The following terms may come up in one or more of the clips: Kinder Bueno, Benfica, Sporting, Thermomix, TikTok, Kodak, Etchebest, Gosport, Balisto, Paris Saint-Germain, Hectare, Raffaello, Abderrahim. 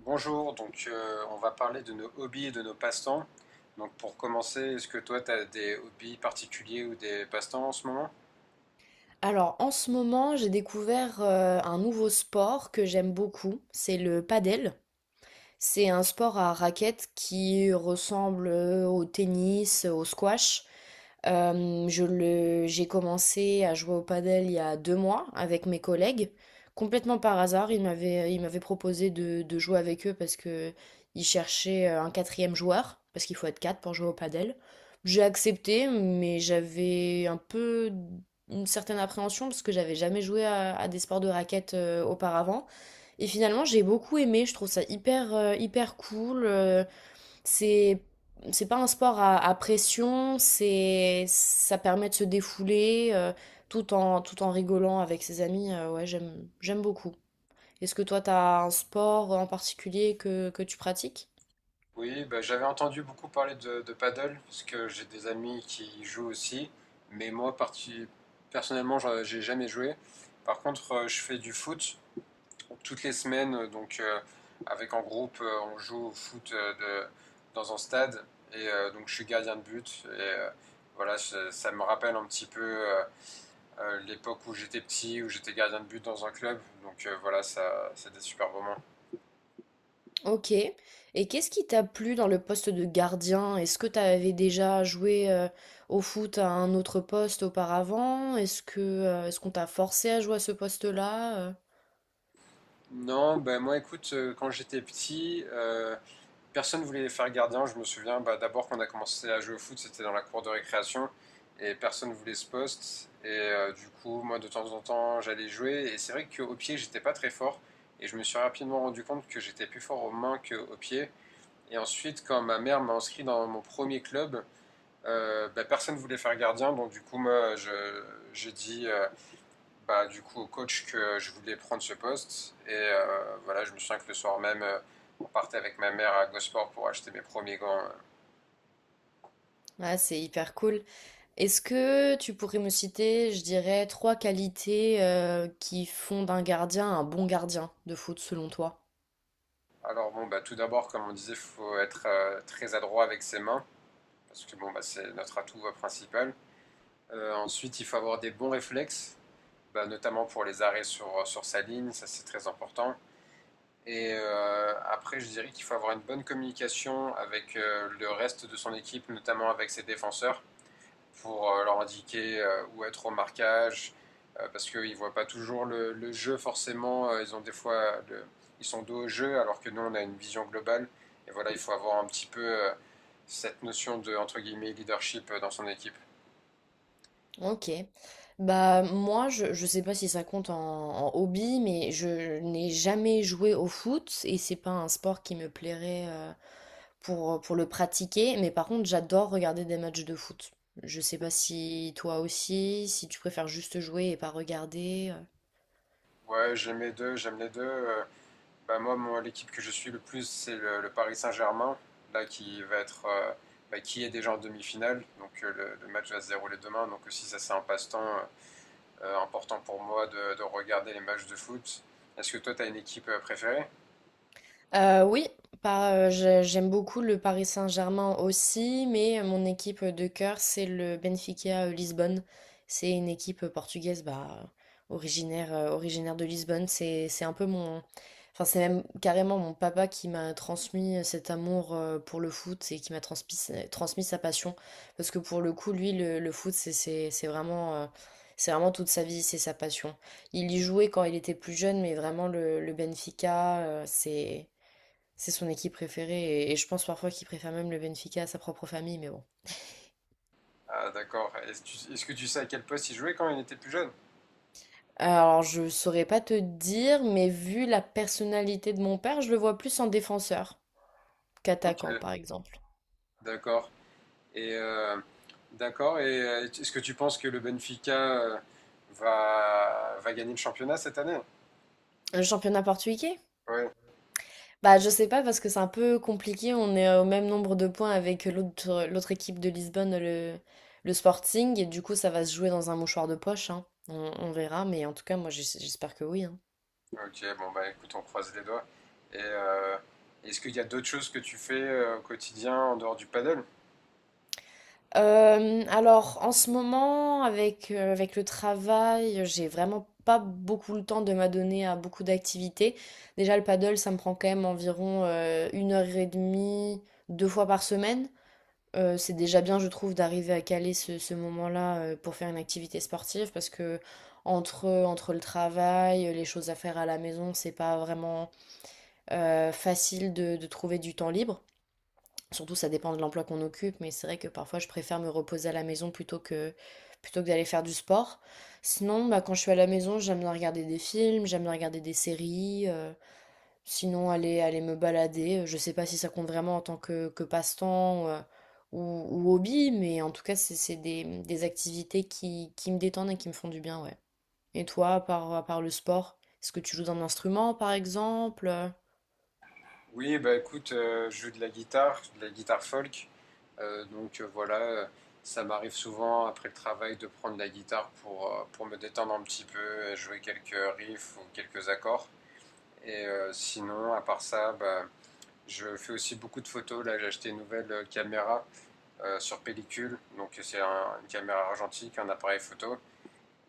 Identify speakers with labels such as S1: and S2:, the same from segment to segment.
S1: Bonjour, on va parler de nos hobbies et de nos passe-temps. Donc pour commencer, est-ce que toi tu as des hobbies particuliers ou des passe-temps en ce moment?
S2: Alors en ce moment, j'ai découvert un nouveau sport que j'aime beaucoup, c'est le padel. C'est un sport à raquettes qui ressemble au tennis, au squash. J'ai commencé à jouer au padel il y a 2 mois avec mes collègues. Complètement par hasard, ils m'avaient proposé de jouer avec eux parce que ils cherchaient un quatrième joueur, parce qu'il faut être quatre pour jouer au padel. J'ai accepté, mais j'avais un peu une certaine appréhension parce que j'avais jamais joué à des sports de raquettes auparavant. Et finalement, j'ai beaucoup aimé, je trouve ça hyper cool. C'est, c'est pas un sport à pression, ça permet de se défouler tout en rigolant avec ses amis. Ouais, j'aime beaucoup. Est-ce que toi, t'as un sport en particulier que tu pratiques?
S1: Oui, bah, j'avais entendu beaucoup parler de paddle, parce que j'ai des amis qui y jouent aussi, mais personnellement j'ai jamais joué. Par contre, je fais du foot toutes les semaines, avec en groupe on joue au foot dans un stade, et donc je suis gardien de but, et voilà, ça me rappelle un petit peu, l'époque où j'étais petit, où j'étais gardien de but dans un club. Voilà, ça, c'était super moment.
S2: Ok. Et qu'est-ce qui t'a plu dans le poste de gardien? Est-ce que t'avais déjà joué au foot à un autre poste auparavant? Est-ce que, est-ce qu'on t'a forcé à jouer à ce poste-là?
S1: Non, ben moi écoute, quand j'étais petit, personne ne voulait faire gardien. Je me souviens, bah, d'abord quand on a commencé à jouer au foot, c'était dans la cour de récréation et personne ne voulait ce poste. Et du coup, moi de temps en temps, j'allais jouer. Et c'est vrai qu'au pied, j'étais pas très fort. Et je me suis rapidement rendu compte que j'étais plus fort aux mains qu'aux pieds. Et ensuite, quand ma mère m'a inscrit dans mon premier club, bah, personne ne voulait faire gardien, donc du coup, moi, j'ai dit bah, du coup au coach que je voulais prendre ce poste. Et voilà, je me souviens que le soir même, on partait avec ma mère à Gosport pour acheter mes premiers gants.
S2: Ah, c'est hyper cool. Est-ce que tu pourrais me citer, je dirais, trois qualités qui font d'un gardien un bon gardien de foot selon toi?
S1: Alors bon, bah, tout d'abord, comme on disait, il faut être très adroit avec ses mains, parce que bon, bah, c'est notre atout principal. Ensuite, il faut avoir des bons réflexes, bah, notamment pour les arrêts sur sa ligne, ça c'est très important. Et après, je dirais qu'il faut avoir une bonne communication avec le reste de son équipe, notamment avec ses défenseurs, pour leur indiquer où être au marquage, parce qu'ils ne voient pas toujours le jeu forcément. Ils ont des fois, ils sont dos au jeu, alors que nous, on a une vision globale. Et voilà, il faut avoir un petit peu cette notion de entre guillemets leadership dans son équipe.
S2: Ok. Bah moi, je sais pas si ça compte en hobby, mais je n'ai jamais joué au foot et c'est pas un sport qui me plairait pour le pratiquer. Mais par contre, j'adore regarder des matchs de foot. Je sais pas si toi aussi, si tu préfères juste jouer et pas regarder.
S1: Ouais, j'aime les deux, j'aime les deux. Bah, moi, l'équipe que je suis le plus, c'est le Paris Saint-Germain, là qui va être, bah, qui est déjà en demi-finale. Donc le match va se dérouler demain. Donc aussi, ça c'est un passe-temps important pour moi de regarder les matchs de foot. Est-ce que toi, tu as une équipe préférée?
S2: Oui, pas, j'ai- j'aime beaucoup le Paris Saint-Germain aussi, mais mon équipe de cœur, c'est le Benfica Lisbonne. C'est une équipe portugaise, bah, originaire de Lisbonne. C'est un peu mon, enfin, c'est même carrément mon papa qui m'a transmis cet amour pour le foot et qui m'a transmis sa passion. Parce que pour le coup, lui, le foot, c'est vraiment toute sa vie, c'est sa passion. Il y jouait quand il était plus jeune, mais vraiment le Benfica, c'est son équipe préférée et je pense parfois qu'il préfère même le Benfica à sa propre famille, mais bon.
S1: Ah, d'accord. Est-ce que tu sais à quel poste il jouait quand il était plus jeune?
S2: Alors, je saurais pas te dire, mais vu la personnalité de mon père, je le vois plus en défenseur
S1: Ok,
S2: qu'attaquant, par exemple.
S1: d'accord. Et euh, d'accord. Et est-ce que tu penses que le Benfica va gagner le championnat cette année?
S2: Le championnat portugais?
S1: Ouais.
S2: Bah, je sais pas parce que c'est un peu compliqué. On est au même nombre de points avec l'autre équipe de Lisbonne, le Sporting, et du coup, ça va se jouer dans un mouchoir de poche, hein. On verra, mais en tout cas, moi, j'espère que oui, hein.
S1: Ok, bon bah écoute, on croise les doigts. Et est-ce qu'il y a d'autres choses que tu fais au quotidien en dehors du paddle?
S2: Alors, en ce moment, avec le travail, j'ai vraiment pas beaucoup le temps de m'adonner à beaucoup d'activités. Déjà, le paddle, ça me prend quand même environ 1 heure et demie, 2 fois par semaine. C'est déjà bien, je trouve, d'arriver à caler ce moment-là pour faire une activité sportive parce que entre le travail, les choses à faire à la maison, c'est pas vraiment facile de trouver du temps libre. Surtout, ça dépend de l'emploi qu'on occupe, mais c'est vrai que parfois je préfère me reposer à la maison plutôt que d'aller faire du sport. Sinon, bah, quand je suis à la maison, j'aime bien regarder des films, j'aime bien regarder des séries. Sinon, aller me balader. Je sais pas si ça compte vraiment en tant que passe-temps ou hobby, mais en tout cas, c'est des activités qui me détendent et qui me font du bien, ouais. Et toi, à part le sport, est-ce que tu joues d'un instrument, par exemple?
S1: Oui, bah écoute, je joue de la guitare folk. Voilà, ça m'arrive souvent après le travail de prendre la guitare pour me détendre un petit peu, et jouer quelques riffs ou quelques accords. Et sinon, à part ça, bah, je fais aussi beaucoup de photos. Là, j'ai acheté une nouvelle caméra sur pellicule. Donc c'est une caméra argentique, un appareil photo.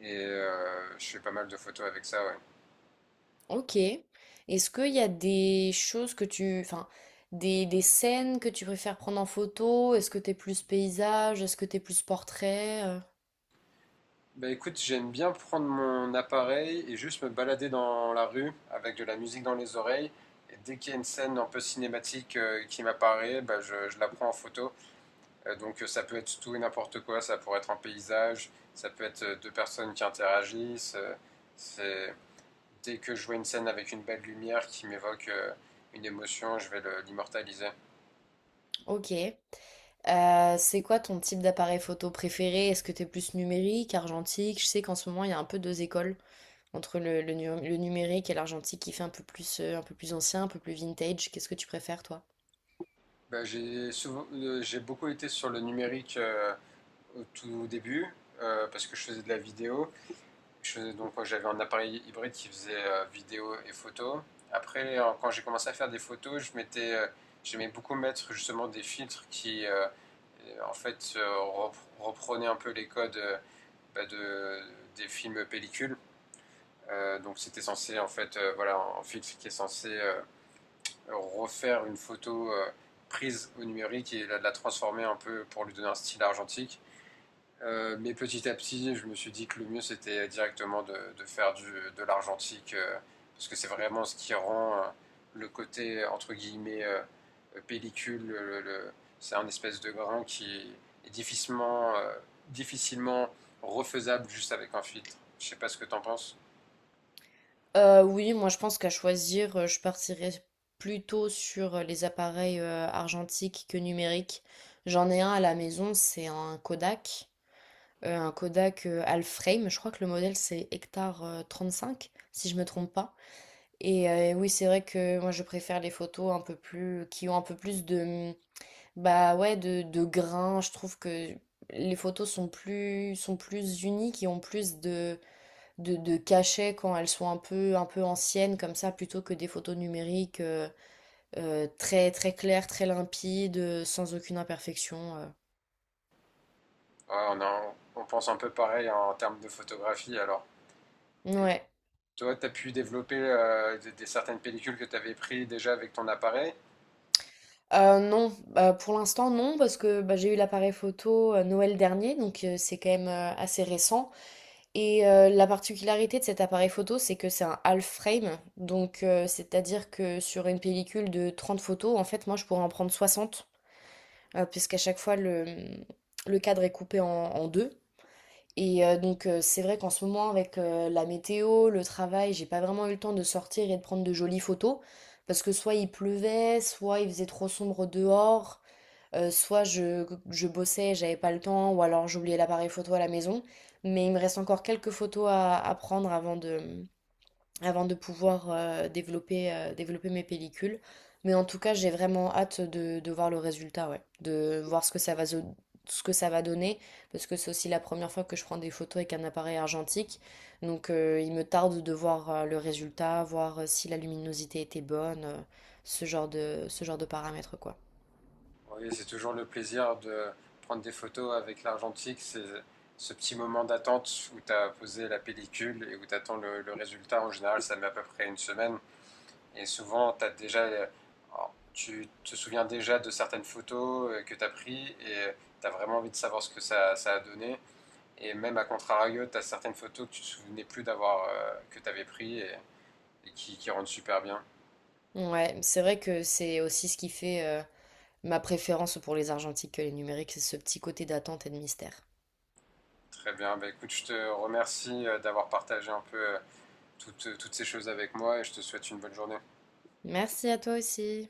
S1: Et je fais pas mal de photos avec ça, ouais.
S2: Ok. Est-ce qu'il y a des choses que tu... Enfin, des scènes que tu préfères prendre en photo? Est-ce que t'es plus paysage? Est-ce que t'es plus portrait?
S1: Bah écoute, j'aime bien prendre mon appareil et juste me balader dans la rue avec de la musique dans les oreilles. Et dès qu'il y a une scène un peu cinématique qui m'apparaît, bah je la prends en photo. Ça peut être tout et n'importe quoi, ça pourrait être un paysage, ça peut être deux personnes qui interagissent. C'est... Dès que je vois une scène avec une belle lumière qui m'évoque une émotion, je vais l'immortaliser.
S2: Ok. C'est quoi ton type d'appareil photo préféré? Est-ce que t'es plus numérique, argentique? Je sais qu'en ce moment, il y a un peu deux écoles. Entre le numérique et l'argentique qui fait un peu plus ancien, un peu plus vintage, qu'est-ce que tu préfères, toi?
S1: Bah, j'ai beaucoup été sur le numérique au tout début parce que je faisais de la vidéo. Donc j'avais un appareil hybride qui faisait vidéo et photo. Après, quand j'ai commencé à faire des photos, j'aimais beaucoup mettre justement des filtres qui, euh, en fait, euh, reprenaient un peu les codes de des films pellicules. Donc c'était censé, en fait, voilà, un filtre qui est censé refaire une photo prise au numérique et la transformer un peu pour lui donner un style argentique. Mais petit à petit, je me suis dit que le mieux c'était directement de faire de l'argentique, parce que c'est vraiment ce qui rend le côté entre guillemets pellicule. C'est un espèce de grain qui est difficilement, difficilement refaisable juste avec un filtre. Je sais pas ce que t'en penses.
S2: Oui, moi je pense qu'à choisir, je partirais plutôt sur les appareils argentiques que numériques. J'en ai un à la maison, c'est un Kodak. Un Kodak half frame. Je crois que le modèle c'est Hectare 35, si je me trompe pas. Et oui, c'est vrai que moi je préfère les photos un peu plus qui ont un peu plus de bah ouais de grain. Je trouve que les photos sont plus unies, qui ont plus de de cachet quand elles sont un peu anciennes comme ça, plutôt que des photos numériques très très claires, très limpides, sans aucune imperfection.
S1: Ouais, on pense un peu pareil en termes de photographie alors. Et
S2: Ouais.
S1: toi, t'as pu développer des certaines pellicules que t'avais prises déjà avec ton appareil?
S2: Non, bah, pour l'instant non parce que, bah, j'ai eu l'appareil photo, Noël dernier donc c'est quand même, assez récent et la particularité de cet appareil photo, c'est que c'est un half frame donc c'est-à-dire que sur une pellicule de 30 photos, en fait, moi, je pourrais en prendre 60 puisqu'à chaque fois le cadre est coupé en en 2 et donc c'est vrai qu'en ce moment la météo, le travail, j'ai pas vraiment eu le temps de sortir et de prendre de jolies photos parce que soit il pleuvait, soit il faisait trop sombre dehors, soit je bossais, j'avais pas le temps, ou alors j'oubliais l'appareil photo à la maison. Mais il me reste encore quelques photos à prendre avant de pouvoir développer mes pellicules. Mais en tout cas, j'ai vraiment hâte de voir le résultat, ouais. De voir ce que ce que ça va donner, parce que c'est aussi la première fois que je prends des photos avec un appareil argentique. Donc il me tarde de voir le résultat, voir si la luminosité était bonne, ce genre ce genre de paramètres, quoi.
S1: Oui, c'est toujours le plaisir de prendre des photos avec l'argentique. C'est ce petit moment d'attente où tu as posé la pellicule et où tu attends le résultat. En général, ça met à peu près une semaine. Et souvent, alors, tu te souviens déjà de certaines photos que tu as prises et tu as vraiment envie de savoir ce que ça a donné. Et même à contrario, tu as certaines photos que tu ne te souvenais plus d'avoir, que tu avais prises et qui rendent super bien.
S2: Ouais, c'est vrai que c'est aussi ce qui fait ma préférence pour les argentiques que les numériques, c'est ce petit côté d'attente et de mystère.
S1: Très bien. Bah, écoute, je te remercie d'avoir partagé un peu, toutes ces choses avec moi et je te souhaite une bonne journée.
S2: Merci à toi aussi.